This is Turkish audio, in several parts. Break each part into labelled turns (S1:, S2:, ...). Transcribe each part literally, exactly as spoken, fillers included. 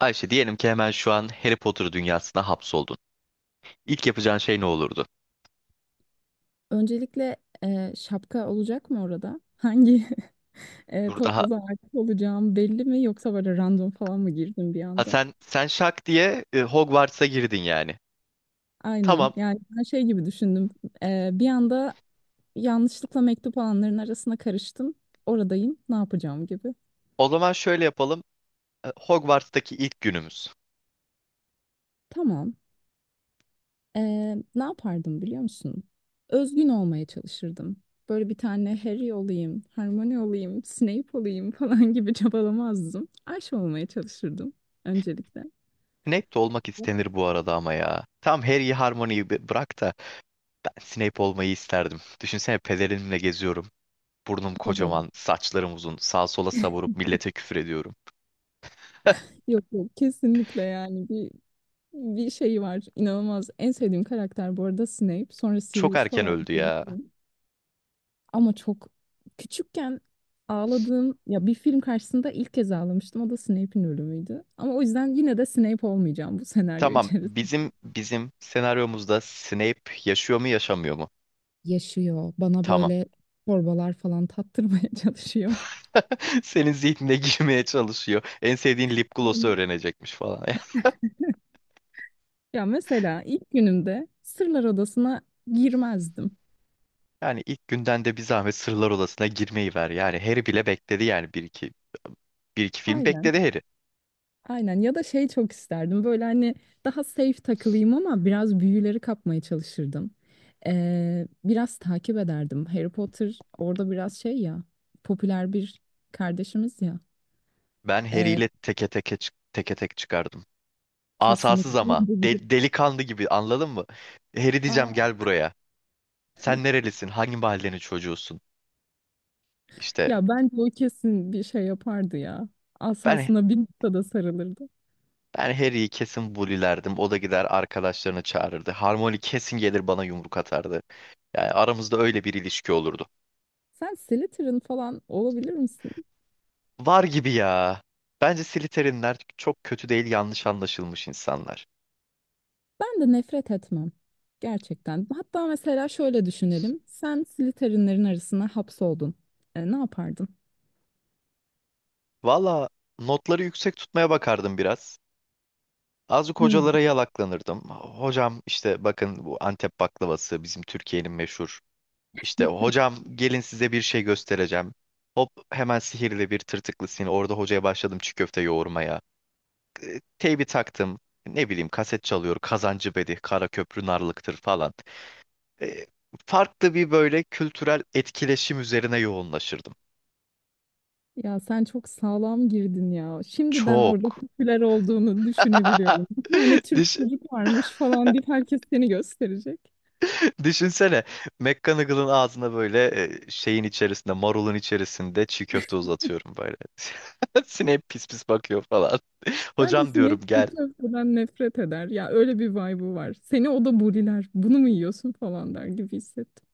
S1: Ayşe diyelim ki hemen şu an Harry Potter dünyasına hapsoldun. İlk yapacağın şey ne olurdu?
S2: Öncelikle e, şapka olacak mı orada? Hangi e,
S1: Dur daha.
S2: topluluğa ait olacağım belli mi yoksa böyle random falan mı girdim bir
S1: Ha
S2: anda?
S1: sen sen şak diye e, Hogwarts'a girdin yani.
S2: Aynen.
S1: Tamam.
S2: Yani ben şey gibi düşündüm. E, bir anda yanlışlıkla mektup alanların arasına karıştım. Oradayım. Ne yapacağım gibi.
S1: O zaman şöyle yapalım. E, Hogwarts'taki ilk günümüz.
S2: Tamam. E, ne yapardım biliyor musun? Özgün olmaya çalışırdım. Böyle bir tane Harry olayım, Hermione olayım, Snape olayım falan gibi çabalamazdım. Ayşe olmaya çalışırdım öncelikle.
S1: Snape de olmak istenir bu arada ama ya. Tam Harry'i Harmony'yi bi- bırak da ben Snape olmayı isterdim. Düşünsene pelerinimle geziyorum. Burnum
S2: Havalı.
S1: kocaman, saçlarım uzun. Sağa sola savurup millete küfür ediyorum.
S2: Yok yok kesinlikle yani bir bir şey var, inanılmaz en sevdiğim karakter bu arada Snape, sonra
S1: Çok
S2: Sirius
S1: erken
S2: falan
S1: öldü ya.
S2: birisi. Ama çok küçükken ağladığım, ya bir film karşısında ilk kez ağlamıştım, o da Snape'in ölümüydü, ama o yüzden yine de Snape olmayacağım bu senaryo
S1: Tamam,
S2: içerisinde.
S1: bizim bizim senaryomuzda Snape yaşıyor mu yaşamıyor mu?
S2: Yaşıyor, bana
S1: Tamam.
S2: böyle torbalar falan tattırmaya çalışıyor.
S1: Senin zihnine girmeye çalışıyor. En sevdiğin lip gloss'u
S2: Aynen.
S1: öğrenecekmiş falan.
S2: Ya mesela ilk günümde Sırlar Odası'na girmezdim.
S1: Yani ilk günden de bir zahmet Sırlar Odası'na girmeyi ver. Yani Harry bile bekledi yani bir iki bir iki film
S2: Aynen.
S1: bekledi Harry.
S2: Aynen, ya da şey, çok isterdim böyle hani daha safe takılayım ama biraz büyüleri kapmaya çalışırdım. Ee, biraz takip ederdim. Harry Potter orada biraz şey ya, popüler bir kardeşimiz ya.
S1: Ben Harry
S2: Ee,
S1: ile teke teke çık- teke tek çıkardım.
S2: kesinlikle.
S1: Asasız ama del- delikanlı gibi anladın mı? Harry diyeceğim,
S2: Aa.
S1: gel buraya. Sen nerelisin? Hangi mahallenin çocuğusun? İşte
S2: Ya bence o kesin bir şey yapardı ya.
S1: ben
S2: Asasına bir noktada sarılırdı.
S1: ben Harry'yi kesin bulilerdim. O da gider arkadaşlarını çağırırdı. Harmony kesin gelir bana yumruk atardı. Yani aramızda öyle bir ilişki olurdu.
S2: Sen Slytherin falan olabilir misin?
S1: Var gibi ya. Bence Slytherin'ler çok kötü değil, yanlış anlaşılmış insanlar.
S2: Ben de nefret etmem. Gerçekten. Hatta mesela şöyle düşünelim. Sen Slytherin'lerin arasına hapsoldun. E, ne yapardın?
S1: Valla notları yüksek tutmaya bakardım biraz. Azıcık
S2: Hmm.
S1: hocalara yalaklanırdım. Hocam işte bakın, bu Antep baklavası bizim Türkiye'nin meşhur. İşte hocam, gelin size bir şey göstereceğim. Hop hemen sihirli bir tırtıklı sin. Orada hocaya başladım çiğ köfte yoğurmaya. E, Teybi taktım. Ne bileyim kaset çalıyor. Kazancı Bedi, Kara Köprü Narlıktır falan. e, Farklı bir böyle kültürel etkileşim üzerine yoğunlaşırdım.
S2: Ya sen çok sağlam girdin ya. Şimdiden orada
S1: Çok.
S2: popüler olduğunu düşünebiliyorum. Bir tane Türk
S1: Düş-
S2: çocuk varmış falan deyip herkes seni gösterecek.
S1: Düşünsene McGonagall'ın ağzına böyle e, şeyin içerisinde, marulun içerisinde çiğ köfte uzatıyorum böyle. Snape pis pis bakıyor falan.
S2: Bence
S1: Hocam diyorum,
S2: sinek
S1: gel.
S2: çiğ köfteden nefret eder. Ya öyle bir vibe'ı var. Seni o da buriler. Bunu mu yiyorsun falan der gibi hissettim.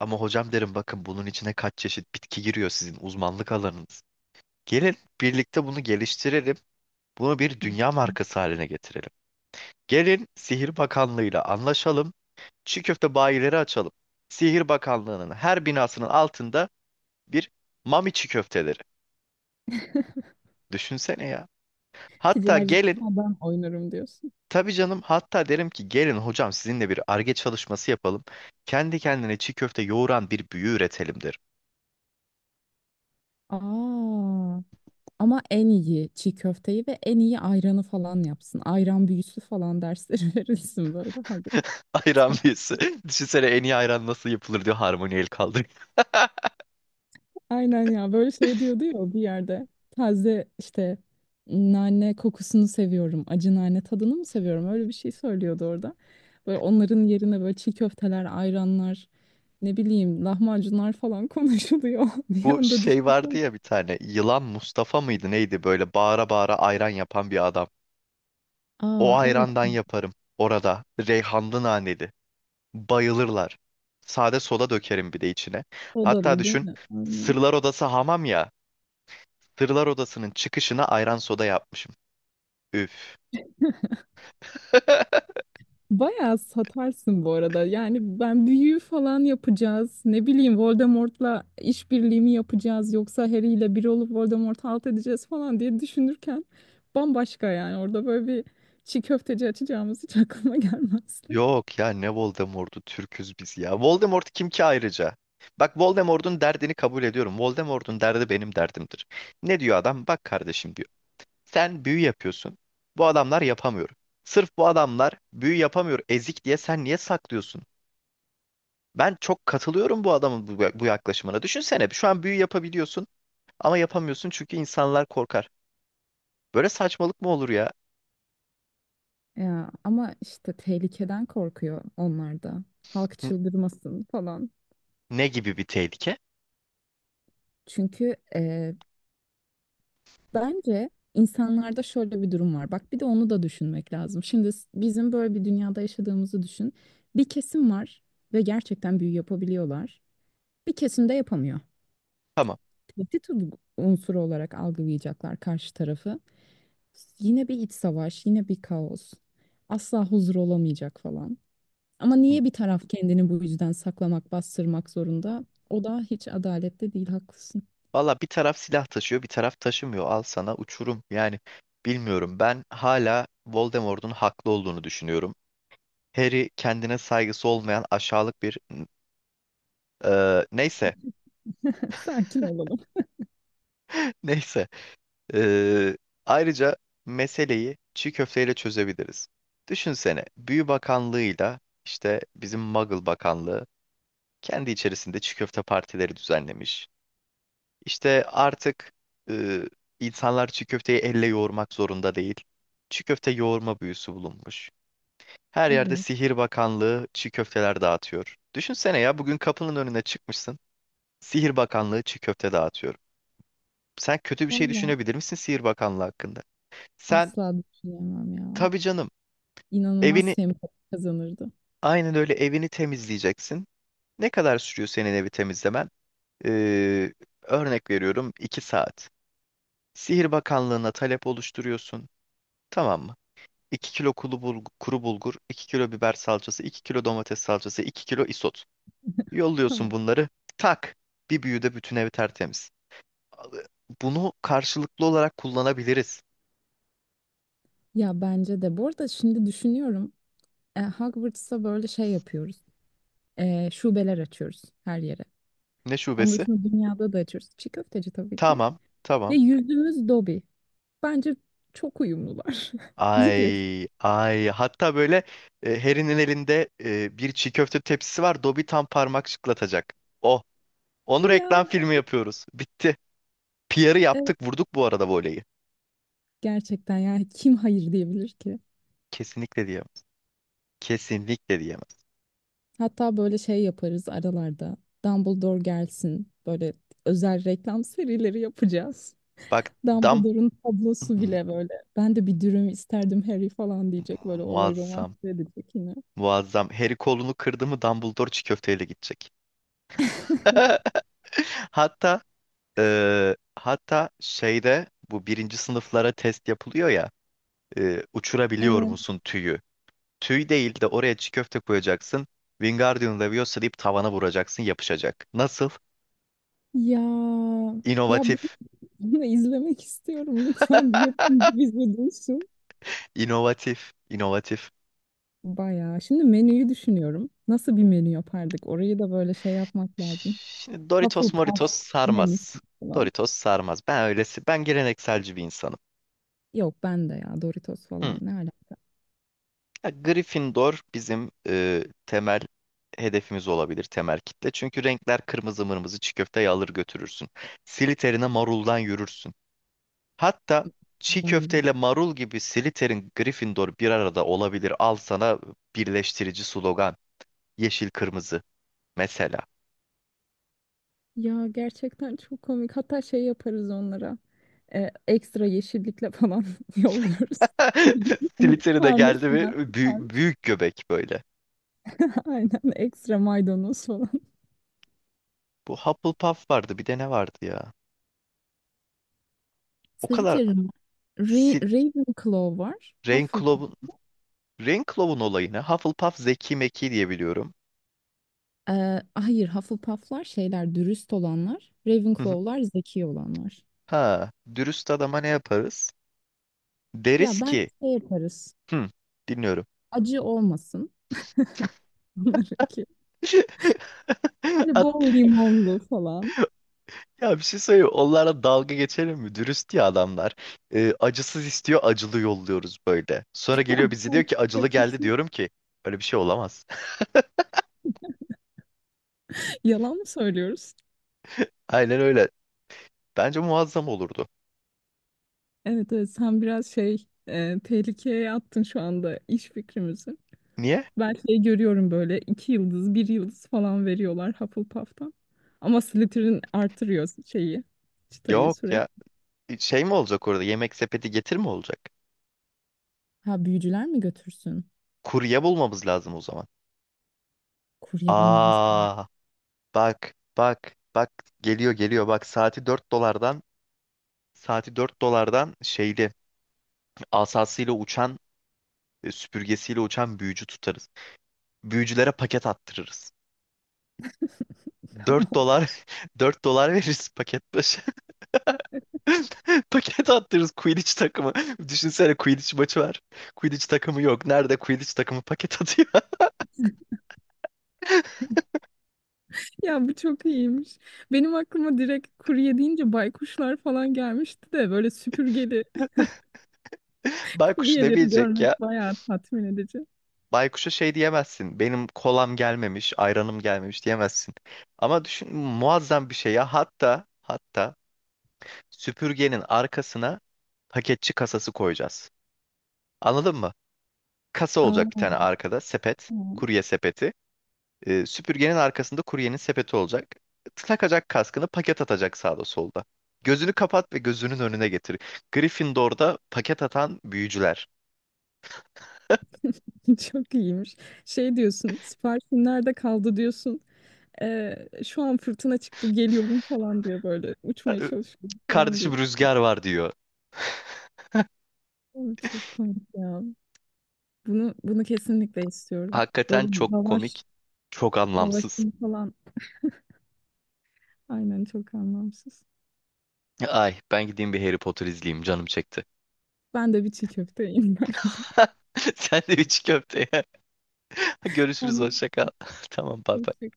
S1: Ama hocam derim, bakın bunun içine kaç çeşit bitki giriyor, sizin uzmanlık alanınız. Gelin birlikte bunu geliştirelim. Bunu bir dünya markası haline getirelim. Gelin Sihir Bakanlığı'yla anlaşalım. Çiğ köfte bayileri açalım. Sihir Bakanlığı'nın her binasının altında bir mami çiğ köfteleri. Düşünsene ya. Hatta
S2: Ticaret
S1: gelin,
S2: ben oynarım diyorsun.
S1: tabii canım, hatta derim ki gelin hocam, sizinle bir arge çalışması yapalım. Kendi kendine çiğ köfte yoğuran bir büyü üretelim derim.
S2: Aa. Ama en iyi çiğ köfteyi ve en iyi ayranı falan yapsın. Ayran büyüsü falan dersleri verilsin böyle. Ha, bu
S1: Ayran
S2: Hogwarts'ta.
S1: büyüsü. Düşünsene en iyi ayran nasıl yapılır diyor, harmoni el kaldırıyor.
S2: Aynen ya, böyle şey diyordu ya bir yerde. Taze işte nane kokusunu seviyorum. Acı nane tadını mı seviyorum? Öyle bir şey söylüyordu orada. Böyle onların yerine böyle çiğ köfteler, ayranlar, ne bileyim lahmacunlar falan konuşuluyor. Bir
S1: Bu
S2: anda
S1: şey vardı
S2: düşünsene.
S1: ya, bir tane yılan Mustafa mıydı neydi, böyle bağıra bağıra ayran yapan bir adam. O
S2: Aa evet.
S1: ayrandan yaparım orada, reyhanlı naneli. Bayılırlar. Sade soda dökerim bir de içine. Hatta
S2: Odalı değil
S1: düşün,
S2: mi? Aynen.
S1: Sırlar Odası hamam ya. Sırlar Odası'nın çıkışına ayran soda yapmışım. Üf.
S2: Bayağı satarsın bu arada. Yani ben büyü falan yapacağız. Ne bileyim Voldemort'la işbirliği mi yapacağız yoksa Harry ile bir olup Voldemort'u alt edeceğiz falan diye düşünürken bambaşka yani. Orada böyle bir çiğ köfteci açacağımız hiç aklıma gelmezdi.
S1: Yok ya, ne Voldemort'u, Türküz biz ya. Voldemort kim ki ayrıca? Bak, Voldemort'un derdini kabul ediyorum. Voldemort'un derdi benim derdimdir. Ne diyor adam? Bak kardeşim diyor. Sen büyü yapıyorsun. Bu adamlar yapamıyor. Sırf bu adamlar büyü yapamıyor ezik diye sen niye saklıyorsun? Ben çok katılıyorum bu adamın bu, bu yaklaşımına. Düşünsene şu an büyü yapabiliyorsun ama yapamıyorsun çünkü insanlar korkar. Böyle saçmalık mı olur ya?
S2: Ya ama işte tehlikeden korkuyor onlar da. Halk
S1: N-
S2: çıldırmasın falan.
S1: Ne gibi bir tehlike?
S2: Çünkü bence insanlarda şöyle bir durum var. Bak bir de onu da düşünmek lazım. Şimdi s- bizim böyle bir dünyada yaşadığımızı düşün. Bir kesim var ve gerçekten büyü yapabiliyorlar. Bir kesim de yapamıyor.
S1: Tamam.
S2: Tehdit u- unsuru olarak algılayacaklar karşı tarafı. Yine bir iç savaş, yine bir kaos. Asla huzur olamayacak falan. Ama niye bir taraf kendini bu yüzden saklamak, bastırmak zorunda? O da hiç adaletli değil, haklısın.
S1: Valla bir taraf silah taşıyor, bir taraf taşımıyor. Al sana uçurum. Yani bilmiyorum. Ben hala Voldemort'un haklı olduğunu düşünüyorum. Harry kendine saygısı olmayan aşağılık bir e, neyse,
S2: Sakin olalım.
S1: neyse. Ee, Ayrıca meseleyi çiğ köfteyle çözebiliriz. Düşünsene, Büyü Bakanlığı'yla, işte bizim Muggle Bakanlığı, kendi içerisinde çiğ köfte partileri düzenlemiş. İşte artık e, insanlar çiğ köfteyi elle yoğurmak zorunda değil. Çiğ köfte yoğurma büyüsü bulunmuş. Her yerde
S2: Evet.
S1: Sihir Bakanlığı çiğ köfteler dağıtıyor. Düşünsene ya, bugün kapının önüne çıkmışsın. Sihir Bakanlığı çiğ köfte dağıtıyor. Sen kötü bir şey
S2: Valla
S1: düşünebilir misin Sihir Bakanlığı hakkında? Sen
S2: asla düşünemem ya.
S1: Tabii canım.
S2: İnanılmaz
S1: Evini
S2: sempatik kazanırdı.
S1: aynen öyle, evini temizleyeceksin. Ne kadar sürüyor senin evi temizlemen? Ee, Örnek veriyorum, iki saat. Sihir Bakanlığı'na talep oluşturuyorsun. Tamam mı? iki kilo kuru bulgur, kuru bulgur, iki kilo biber salçası, iki kilo domates salçası, iki kilo isot. Yolluyorsun
S2: Tamam.
S1: bunları. Tak! Bir büyüde bütün evi tertemiz. Bunu karşılıklı olarak kullanabiliriz.
S2: Ya bence de. Bu arada şimdi düşünüyorum. E, Hogwarts'ta böyle şey yapıyoruz. E, şubeler açıyoruz her yere.
S1: Ne
S2: Onun
S1: şubesi?
S2: dışında dünyada da açıyoruz. Çiğ köfteci tabii ki.
S1: Tamam,
S2: Ve
S1: tamam.
S2: yüzümüz Dobby. Bence çok uyumlular. Ne diyorsun?
S1: Ay ay, hatta böyle e, Harry'nin elinde e, bir çiğ köfte tepsisi var. Dobby tam parmak şıklatacak. Oh, onu
S2: Ya
S1: reklam filmi yapıyoruz. Bitti. P R'ı
S2: evet,
S1: yaptık, vurduk bu arada voleyi.
S2: gerçekten yani kim hayır diyebilir ki?
S1: Kesinlikle diyemez. Kesinlikle diyemez.
S2: Hatta böyle şey yaparız aralarda. Dumbledore gelsin. Böyle özel reklam serileri yapacağız.
S1: Bak. dam
S2: Dumbledore'un tablosu
S1: Hmm,
S2: bile böyle. Ben de bir dürüm isterdim Harry falan diyecek, böyle olayı
S1: muazzam.
S2: romantize edecek yine.
S1: Muazzam. Harry kolunu kırdı mı Dumbledore çiğ köfteyle gidecek. Hatta e, hatta şeyde bu birinci sınıflara test yapılıyor ya, e, uçurabiliyor
S2: Evet.
S1: musun tüyü? Tüy değil de oraya çiğ köfte koyacaksın. Wingardium Leviosa deyip tavana vuracaksın, yapışacak. Nasıl?
S2: Ya ya bunu,
S1: İnovatif.
S2: bunu izlemek istiyorum, lütfen bir yapımcı bizi duysun.
S1: İnovatif. İnovatif.
S2: Bayağı. Şimdi menüyü düşünüyorum. Nasıl bir menü yapardık? Orayı da böyle şey yapmak lazım.
S1: Şimdi Doritos
S2: Hufflepuff
S1: Moritos
S2: menüsü
S1: sarmaz.
S2: falan.
S1: Doritos sarmaz. Ben öylesi. Ben gelenekselci bir insanım.
S2: Yok ben de, ya Doritos
S1: Hı.
S2: falan ne alaka?
S1: Ya, Gryffindor bizim e, temel hedefimiz olabilir. Temel kitle. Çünkü renkler kırmızı mırmızı, çiğ köfteyi alır götürürsün. Slytherin'e maruldan yürürsün. Hatta çiğ
S2: Ben yürüyorum.
S1: köfteyle marul gibi Slytherin, Gryffindor bir arada olabilir. Al sana birleştirici slogan. Yeşil kırmızı mesela.
S2: Ya gerçekten çok komik. Hatta şey yaparız onlara. E, ekstra yeşillikle falan yolluyoruz.
S1: Slytherin'e geldi
S2: Tanesinden
S1: mi büyük,
S2: tutarmış.
S1: büyük göbek böyle.
S2: Aynen, ekstra maydanoz falan.
S1: Bu Hufflepuff vardı, bir de ne vardı ya? O kadar
S2: Slytherin var. Ra-
S1: Sil
S2: Ravenclaw var. Hufflepuff.
S1: Ravenclaw'un Ravenclaw'un olayını, Hufflepuff zeki meki diye biliyorum.
S2: Ee, hayır Hufflepuff'lar şeyler, dürüst olanlar.
S1: Hı hı.
S2: Ravenclaw'lar zeki olanlar.
S1: Ha, dürüst adama ne yaparız?
S2: Ya
S1: Deriz
S2: ben
S1: ki,
S2: şey yaparız.
S1: hı, dinliyorum.
S2: Acı olmasın onlarınki. Şimdi
S1: At-
S2: bol limonlu falan.
S1: Ya, bir şey söyleyeyim. Onlara dalga geçelim mi? Dürüst ya adamlar. Ee, acısız istiyor, acılı yolluyoruz böyle. Sonra geliyor, bizi diyor ki acılı geldi, diyorum ki öyle bir şey olamaz.
S2: Yalan mı söylüyoruz?
S1: Aynen öyle. Bence muazzam olurdu.
S2: Evet, evet sen biraz şey, e, tehlikeye attın şu anda iş fikrimizi.
S1: Niye?
S2: Ben şey görüyorum, böyle iki yıldız bir yıldız falan veriyorlar Hufflepuff'tan. Ama Slytherin artırıyor şeyi, çıtayı
S1: Yok ya.
S2: sürekli.
S1: Şey mi olacak orada? Yemek sepeti getir mi olacak?
S2: Ha, büyücüler mi götürsün?
S1: Kurye bulmamız lazım o zaman.
S2: Kurye bulmamız lazım.
S1: Aa, bak, bak, bak. Geliyor, geliyor. Bak saati dört dolardan saati dört dolardan şeyli asasıyla uçan, e, süpürgesiyle uçan büyücü tutarız, büyücülere paket attırırız. Dört
S2: Tamam.
S1: dolar dört dolar veririz paket başı. Paket attırırız, Quidditch takımı. Düşünsene Quidditch maçı var. Quidditch takımı yok. Nerede Quidditch takımı paket atıyor?
S2: Ya bu çok iyiymiş. Benim aklıma direkt kurye deyince baykuşlar falan gelmişti de böyle süpürgeli
S1: Baykuş ne
S2: kuryeleri
S1: bilecek ya?
S2: görmek bayağı tatmin edici.
S1: Baykuş'a şey diyemezsin. Benim kolam gelmemiş, ayranım gelmemiş diyemezsin. Ama düşün muazzam bir şey ya. Hatta hatta süpürgenin arkasına paketçi kasası koyacağız. Anladın mı? Kasa olacak bir tane
S2: Aa.
S1: arkada, sepet, kurye sepeti. E, süpürgenin arkasında kuryenin sepeti olacak. Takacak kaskını, paket atacak sağda solda. Gözünü kapat ve gözünün önüne getir. Gryffindor'da paket atan büyücüler.
S2: Çok iyiymiş. Şey diyorsun, siparişin nerede kaldı diyorsun. Ee, şu an fırtına çıktı geliyorum falan diyor böyle. Uçmaya
S1: E,
S2: çalışıyor falan diyor.
S1: Kardeşim rüzgar var diyor.
S2: Ay, çok komik ya. Bunu bunu kesinlikle istiyorum.
S1: Hakikaten
S2: Böyle
S1: çok komik,
S2: lavaş,
S1: çok anlamsız.
S2: lavaşın falan. Aynen çok anlamsız.
S1: Ay ben gideyim bir Harry Potter izleyeyim, canım çekti.
S2: Ben de bir çiğ köfteyim bence.
S1: Sen de üç köfte ye. Görüşürüz,
S2: Anlamsız.
S1: hoşça kal. Tamam, bay bay.